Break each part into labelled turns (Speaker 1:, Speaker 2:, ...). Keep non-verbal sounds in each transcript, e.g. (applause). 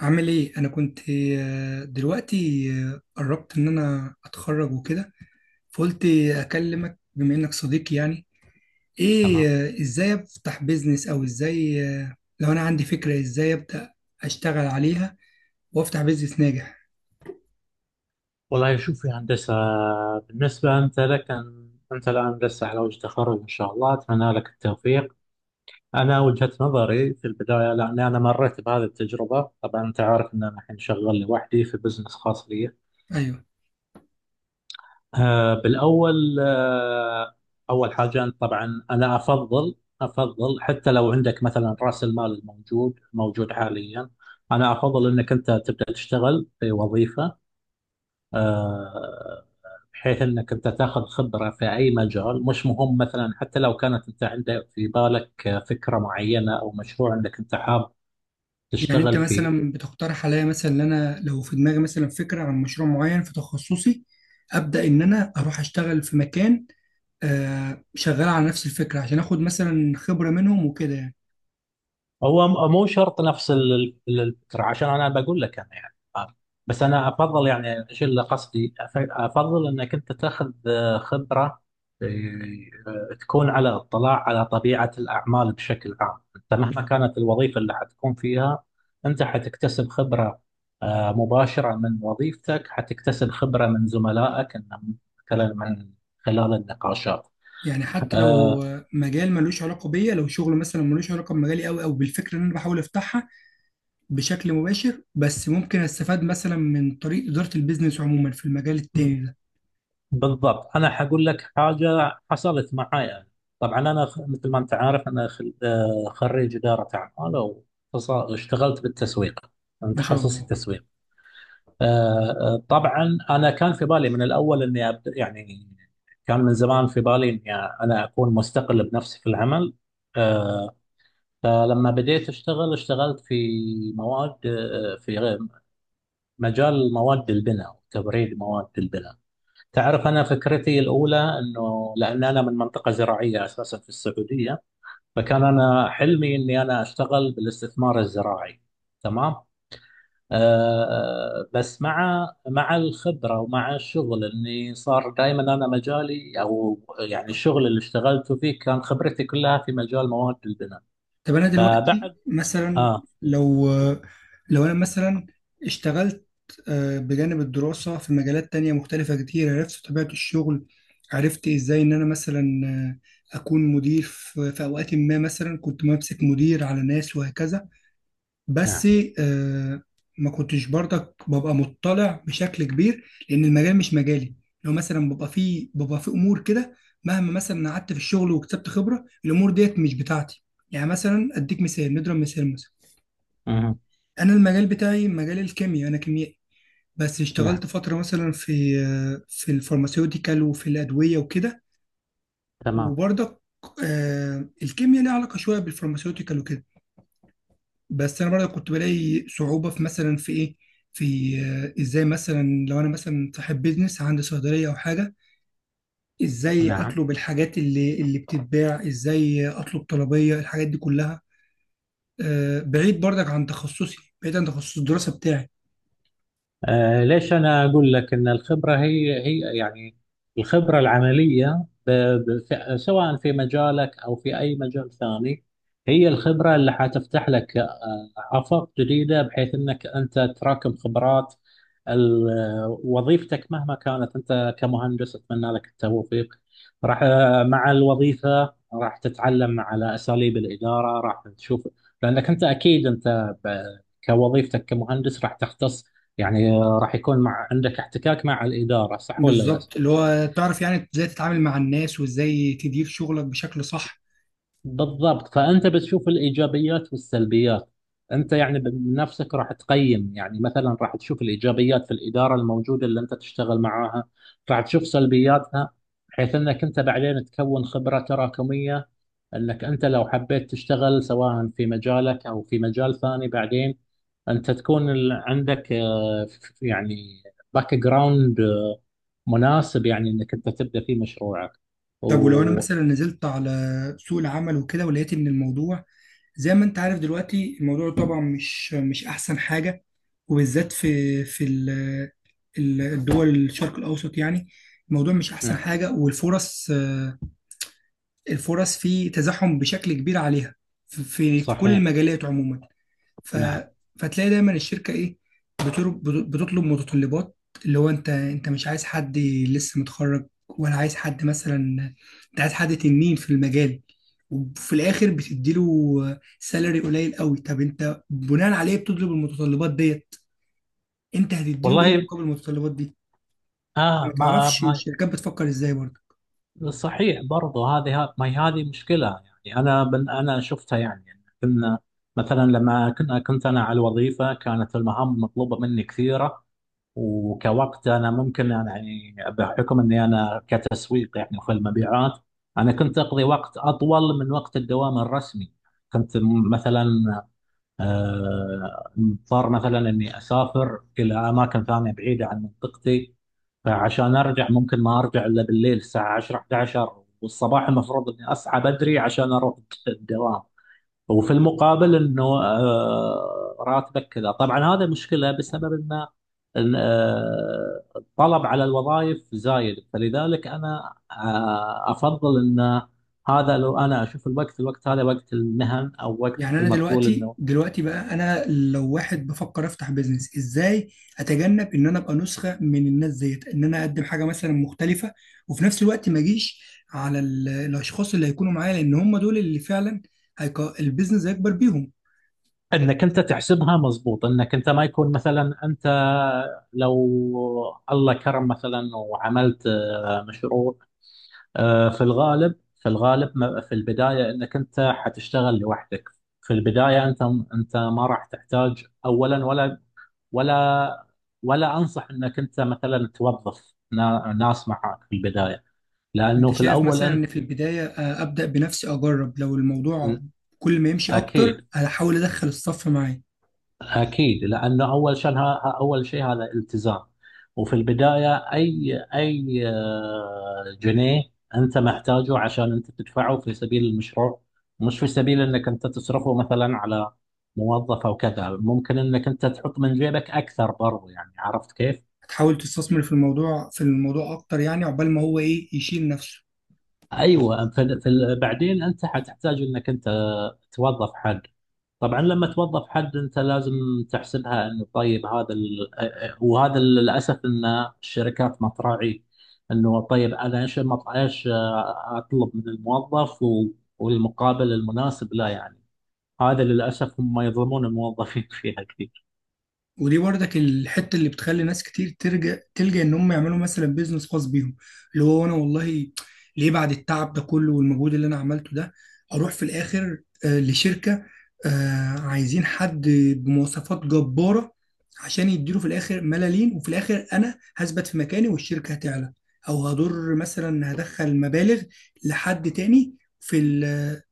Speaker 1: عامل ايه؟ انا كنت دلوقتي قربت ان انا اتخرج وكده، فقلت اكلمك بما انك صديقي، يعني ايه
Speaker 2: تمام.
Speaker 1: ازاي افتح بيزنس؟ او ازاي لو انا عندي فكرة ازاي ابدأ اشتغل عليها وافتح بيزنس ناجح؟
Speaker 2: والله شوف يا هندسة، بالنسبة أنت لك أن أنت الآن لسه على وجه تخرج إن شاء الله، أتمنى لك التوفيق. أنا وجهة نظري في البداية، لأني أنا مريت بهذه التجربة، طبعا أنت عارف أن أنا الحين شغال لوحدي في بزنس خاص لي.
Speaker 1: ايوه.
Speaker 2: آه بالأول آه أول حاجة أنت طبعا أنا أفضل حتى لو عندك مثلا رأس المال موجود حاليا، أنا أفضل أنك أنت تبدأ تشتغل في وظيفة، آه، بحيث انك انت تاخذ خبره في اي مجال، مش مهم مثلا، حتى لو كانت انت عندك في بالك فكره معينه او مشروع انك انت حاب
Speaker 1: يعني انت
Speaker 2: تشتغل فيه.
Speaker 1: مثلا بتقترح عليا مثلا ان انا لو في دماغي مثلا فكرة عن مشروع معين في تخصصي ابدأ ان انا اروح اشتغل في مكان شغال على نفس الفكرة عشان اخد مثلا خبرة منهم وكده يعني.
Speaker 2: هو مو شرط نفس الفكرة عشان أنا بقول لك أنا يعني. بس أنا أفضل، يعني إيش اللي قصدي، أفضل أنك أنت تاخذ خبرة، آه، تكون على اطلاع على طبيعة الأعمال بشكل عام. أنت مهما كانت الوظيفة اللي حتكون فيها أنت حتكتسب خبرة مباشرة من وظيفتك، حتكتسب خبرة من زملائك، إن مثلا من خلال النقاشات.
Speaker 1: يعني حتى لو
Speaker 2: آه،
Speaker 1: هو مجال ملوش علاقة بيا، لو شغل مثلا ملوش علاقة بمجالي أوي أو بالفكرة اللي أنا بحاول أفتحها بشكل مباشر، بس ممكن أستفاد مثلا من طريق إدارة البيزنس عموما في المجال التاني ده.
Speaker 2: بالضبط، انا حقول لك حاجه حصلت معاي أنا. طبعا انا مثل ما انت عارف انا خريج اداره اعمال واشتغلت بالتسويق، انا
Speaker 1: ما شاء
Speaker 2: تخصصي
Speaker 1: الله.
Speaker 2: تسويق. آه، طبعا انا كان في بالي من الاول اني أبدأ، يعني كان من زمان في بالي اني انا اكون مستقل بنفسي في العمل. آه، فلما بديت اشتغل، اشتغلت في مواد، في مجال مواد البناء، تبريد مواد البناء. تعرف أنا فكرتي الأولى أنه لأن أنا من منطقة زراعية أساسا في السعودية، فكان أنا حلمي أني أنا أشتغل بالاستثمار الزراعي. تمام. أه آه، بس مع الخبرة ومع الشغل، أني صار دائما أنا مجالي، أو يعني الشغل اللي اشتغلته فيه كان خبرتي كلها في مجال مواد البناء.
Speaker 1: طب أنا دلوقتي
Speaker 2: فبعد
Speaker 1: مثلا
Speaker 2: آه
Speaker 1: لو لو أنا مثلا اشتغلت بجانب الدراسة في مجالات تانية مختلفة كتير، عرفت طبيعة الشغل، عرفت إزاي إن أنا مثلا أكون مدير في أوقات ما، مثلا كنت ممسك مدير على ناس وهكذا. بس
Speaker 2: نعم.
Speaker 1: آه، ما كنتش برضك ببقى مطلع بشكل كبير لان المجال مش مجالي. لو مثلا ببقى في امور كده، مهما مثلا قعدت في الشغل وكسبت خبره، الامور ديت مش بتاعتي. يعني مثلا اديك مثال، نضرب مثال مثلا،
Speaker 2: مهم.
Speaker 1: انا المجال بتاعي مجال الكيمياء، انا كيميائي، بس
Speaker 2: نعم.
Speaker 1: اشتغلت فتره مثلا في الفارماسيوتيكال وفي الادويه وكده.
Speaker 2: تمام.
Speaker 1: وبرضك الكيمياء ليها علاقه شويه بالفارماسيوتيكال وكده، بس انا برضه كنت بلاقي صعوبه في مثلا في ايه، في ازاي مثلا لو انا مثلا صاحب بيزنس عندي صيدليه او حاجه، ازاي
Speaker 2: نعم.
Speaker 1: اطلب الحاجات اللي بتتباع، ازاي اطلب طلبيه الحاجات دي كلها، بعيد برضك عن تخصصي، بعيد عن تخصص الدراسه بتاعي.
Speaker 2: ليش أنا أقول لك أن الخبرة هي يعني الخبرة العملية، سواء في مجالك أو في أي مجال ثاني، هي الخبرة اللي حتفتح لك آفاق جديدة، بحيث أنك أنت تراكم خبرات. وظيفتك مهما كانت، أنت كمهندس أتمنى لك التوفيق، راح، مع الوظيفة راح تتعلم على أساليب الإدارة، راح تشوف، لأنك أنت أكيد كوظيفتك كمهندس راح تختص، يعني راح يكون مع عندك احتكاك مع الإدارة، صح ولا لا؟
Speaker 1: بالظبط، اللي هو تعرف يعني ازاي تتعامل مع الناس وازاي تدير شغلك بشكل صح.
Speaker 2: بالضبط، فأنت بتشوف الإيجابيات والسلبيات، أنت يعني بنفسك راح تقيم، يعني مثلا راح تشوف الإيجابيات في الإدارة الموجودة اللي أنت تشتغل معاها، راح تشوف سلبياتها، بحيث أنك أنت بعدين تكون خبرة تراكمية، أنك أنت لو حبيت تشتغل سواء في مجالك أو في مجال ثاني بعدين أنت تكون عندك يعني باك جراوند مناسب، يعني أنك أنت تبدأ فيه مشروعك.
Speaker 1: طب ولو انا
Speaker 2: ونعم.
Speaker 1: مثلا نزلت على سوق العمل وكده ولقيت ان الموضوع زي ما انت عارف دلوقتي الموضوع طبعا مش احسن حاجة، وبالذات في الدول الشرق الاوسط يعني، الموضوع مش احسن حاجة، والفرص الفرص فيه تزاحم بشكل كبير عليها، في كل
Speaker 2: صحيح.
Speaker 1: المجالات عموما. ف...
Speaker 2: نعم.
Speaker 1: فتلاقي دايما الشركه ايه، بتر- بتطلب متطلبات، اللي هو انت مش عايز حد لسه متخرج، ولا عايز حد مثلا، انت عايز حد تنين في المجال، وفي الاخر بتديله سالري قليل قوي. طب انت بناء عليه بتطلب المتطلبات ديت، انت هتديله ايه
Speaker 2: والله
Speaker 1: مقابل المتطلبات دي؟
Speaker 2: اه
Speaker 1: ما
Speaker 2: ما,
Speaker 1: تعرفش
Speaker 2: ما
Speaker 1: الشركات بتفكر ازاي برضه.
Speaker 2: صحيح، برضه هذه، ما هي هذه مشكله. يعني انا من انا شفتها، يعني كنا، مثلا لما كنت انا على الوظيفه كانت المهام مطلوبه مني كثيره، وكوقت انا ممكن أنا، يعني بحكم اني انا كتسويق يعني في المبيعات، انا كنت اقضي وقت اطول من وقت الدوام الرسمي. كنت مثلا مضطر مثلا اني اسافر الى اماكن ثانيه بعيده عن منطقتي، فعشان ارجع ممكن ما ارجع الا بالليل الساعه 10 11، والصباح المفروض اني اصحى بدري عشان اروح الدوام. وفي المقابل انه راتبك كذا، طبعا هذا مشكله بسبب ان إن، آه، الطلب على الوظائف زايد، فلذلك انا افضل ان، هذا لو انا اشوف الوقت هذا وقت المهن او وقت
Speaker 1: يعني
Speaker 2: مثل
Speaker 1: انا
Speaker 2: ما تقول،
Speaker 1: دلوقتي
Speaker 2: انه
Speaker 1: دلوقتي بقى انا لو واحد بفكر افتح بيزنس، ازاي اتجنب ان انا ابقى نسخه من الناس ديت، ان انا اقدم حاجه مثلا مختلفه، وفي نفس الوقت ما اجيش على الاشخاص اللي هيكونوا معايا، لان هم دول اللي فعلا البيزنس هيكبر بيهم.
Speaker 2: انك انت تحسبها مضبوط، انك انت ما يكون مثلا انت، لو الله كرم مثلا وعملت مشروع، في الغالب، في البدايه انك انت حتشتغل لوحدك. في البدايه انت، انت ما راح تحتاج اولا، ولا ولا انصح انك انت مثلا توظف ناس معك في البدايه،
Speaker 1: انت
Speaker 2: لانه في
Speaker 1: شايف
Speaker 2: الاول
Speaker 1: مثلا ان
Speaker 2: انت،
Speaker 1: في البدايه ابدا بنفسي اجرب، لو الموضوع كل ما يمشي اكتر
Speaker 2: اكيد.
Speaker 1: هحاول ادخل الصف معايا؟
Speaker 2: أكيد لأنه أول شيء، أول شيء هذا التزام. وفي البداية أي جنيه أنت محتاجه عشان أنت تدفعه في سبيل المشروع، مش في سبيل أنك أنت تصرفه مثلا على موظف أو كذا. ممكن أنك أنت تحط من جيبك أكثر برضو، يعني عرفت كيف؟
Speaker 1: هتحاول تستثمر في الموضوع اكتر يعني، عقبال ما هو ايه يشيل نفسه.
Speaker 2: أيوة، في بعدين أنت حتحتاج أنك أنت توظف حد. طبعا لما توظف حد انت لازم تحسبها، انه طيب هذا ال... وهذا للاسف، ان الشركات ما تراعي انه، طيب انا ايش ايش اطلب من الموظف و... والمقابل المناسب، لا يعني هذا للاسف، هم يظلمون الموظفين (laughs) فيها كثير.
Speaker 1: ودي برضك الحته اللي بتخلي ناس كتير ترجع تلجأ ان هم يعملوا مثلا بيزنس خاص بيهم، اللي هو انا والله ليه بعد التعب ده كله والمجهود اللي انا عملته ده اروح في الاخر لشركه عايزين حد بمواصفات جباره عشان يديله في الاخر ملالين، وفي الاخر انا هثبت في مكاني والشركه هتعلى، او هضر مثلا هدخل مبالغ لحد تاني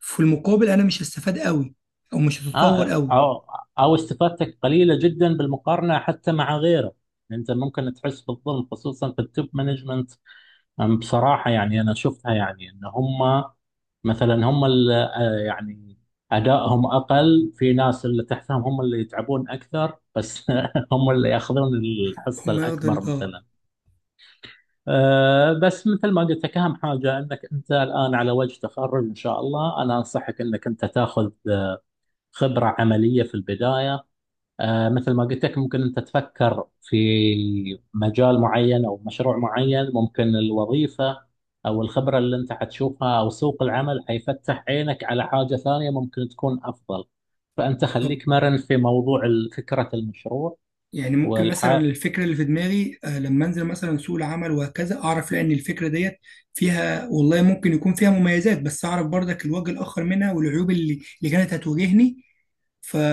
Speaker 1: في المقابل انا مش هستفاد قوي، او مش هتطور
Speaker 2: آه
Speaker 1: قوي.
Speaker 2: او او استفادتك قليله جدا بالمقارنه حتى مع غيره، انت ممكن تحس بالظلم خصوصا في التوب مانجمنت. بصراحه يعني انا شفتها، يعني ان هم مثلا، هم اللي يعني أدائهم أقل في ناس اللي تحتهم، هم اللي يتعبون أكثر، بس (laughs) هم اللي يأخذون الحصة
Speaker 1: هم ياخدوا
Speaker 2: الأكبر مثلا. بس مثل ما قلت لك، أهم حاجة أنك أنت الآن على وجه تخرج إن شاء الله، أنا أنصحك أنك أنت تاخذ خبرة عملية في البداية. مثل ما قلت لك، ممكن أنت تفكر في مجال معين أو مشروع معين، ممكن الوظيفة أو الخبرة اللي أنت حتشوفها أو سوق العمل حيفتح عينك على حاجة ثانية ممكن تكون أفضل، فأنت
Speaker 1: بالظبط.
Speaker 2: خليك مرن في موضوع فكرة المشروع.
Speaker 1: يعني ممكن مثلا
Speaker 2: والح
Speaker 1: الفكره اللي في دماغي لما انزل مثلا سوق العمل وهكذا اعرف لا ان الفكره ديت فيها والله ممكن يكون فيها مميزات، بس اعرف برضك الوجه الاخر منها والعيوب اللي كانت هتواجهني،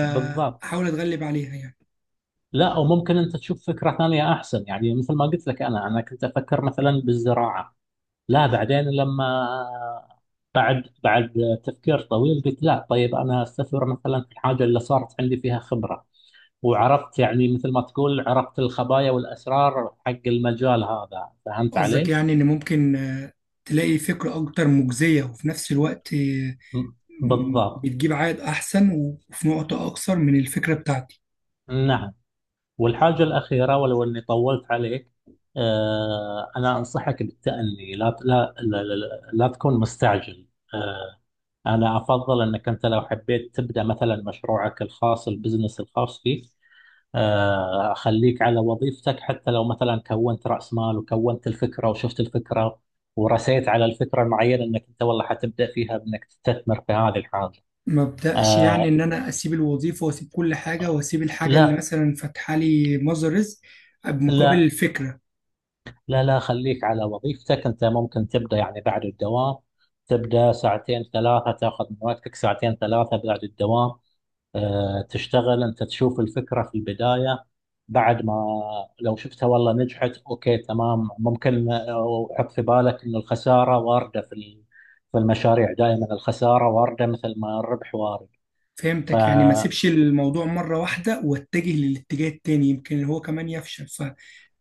Speaker 2: بالضبط.
Speaker 1: اتغلب عليها يعني.
Speaker 2: لا، أو ممكن أنت تشوف فكرة ثانية أحسن. يعني مثل ما قلت لك، أنا كنت أفكر مثلا بالزراعة، لا بعدين لما، بعد تفكير طويل قلت لا، طيب انا استثمر مثلا في الحاجه اللي صارت عندي فيها خبره، وعرفت يعني مثل ما تقول، عرفت الخبايا والاسرار حق المجال هذا، فهمت
Speaker 1: قصدك
Speaker 2: علي؟
Speaker 1: يعني ان ممكن تلاقي فكره اكتر مجزيه، وفي نفس الوقت
Speaker 2: م- بالضبط.
Speaker 1: بتجيب عائد احسن وفي نقطه اكثر من الفكره بتاعتي؟
Speaker 2: نعم. والحاجه الاخيره، ولو اني طولت عليك، انا انصحك بالتأني. لا، لا، لا، لا، لا تكون مستعجل. آه، أنا أفضل أنك أنت لو حبيت تبدأ مثلا مشروعك الخاص، البزنس الخاص فيك، أخليك على وظيفتك، حتى لو مثلا كونت رأس مال وكونت الفكرة وشفت الفكرة ورسيت على الفكرة المعينة، أنك أنت والله حتبدأ فيها بأنك تستثمر في هذه الحاجة.
Speaker 1: ما ابداش يعني
Speaker 2: آه،
Speaker 1: ان انا اسيب الوظيفه واسيب كل حاجه واسيب الحاجه اللي
Speaker 2: لا.
Speaker 1: مثلا فاتحه لي مصدر رزق بمقابل
Speaker 2: لا،
Speaker 1: الفكره.
Speaker 2: لا، لا، خليك على وظيفتك. أنت ممكن تبدأ يعني بعد الدوام، تبدأ ساعتين 3، تاخذ من وقتك ساعتين 3 بعد الدوام، تشتغل انت تشوف الفكرة في البداية، بعد ما، لو شفتها والله نجحت، اوكي تمام. ممكن وحط في بالك انه الخسارة واردة في في المشاريع، دائما الخسارة واردة مثل ما الربح وارد. ف
Speaker 1: فهمتك، يعني ما اسيبش الموضوع مره واحده واتجه للاتجاه التاني يمكن هو كمان يفشل، ف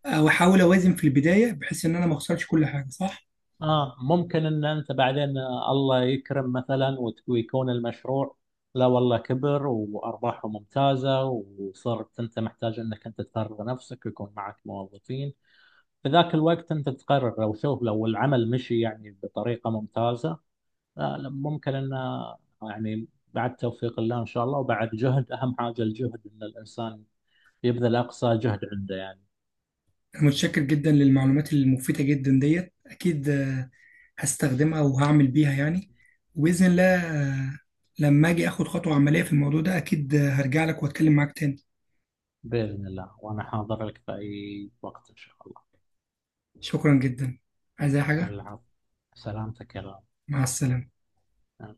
Speaker 1: او احاول اوازن في البدايه بحيث ان انا ما اخسرش كل حاجه، صح؟
Speaker 2: اه، ممكن ان انت بعدين الله يكرم مثلا ويكون المشروع، لا والله، كبر وارباحه ممتازة وصرت انت محتاج انك انت تفرغ نفسك ويكون معك موظفين، في ذاك الوقت أنت تقرر. لو شوف، لو العمل مشي يعني بطريقة ممتازة، لا لا، ممكن أنه يعني بعد توفيق الله إن شاء الله وبعد جهد، أهم حاجة الجهد، أن الإنسان يبذل أقصى جهد عنده يعني.
Speaker 1: انا متشكر جدا للمعلومات المفيده جدا ديت، اكيد هستخدمها وهعمل بيها يعني، وباذن الله لما اجي اخد خطوه عمليه في الموضوع ده اكيد هرجع لك واتكلم معاك تاني.
Speaker 2: بإذن الله، وأنا حاضر لك في أي وقت إن شاء الله.
Speaker 1: شكرا جدا، عايز أي حاجة؟
Speaker 2: العفو. سلامتك يا
Speaker 1: مع السلامة.
Speaker 2: رب.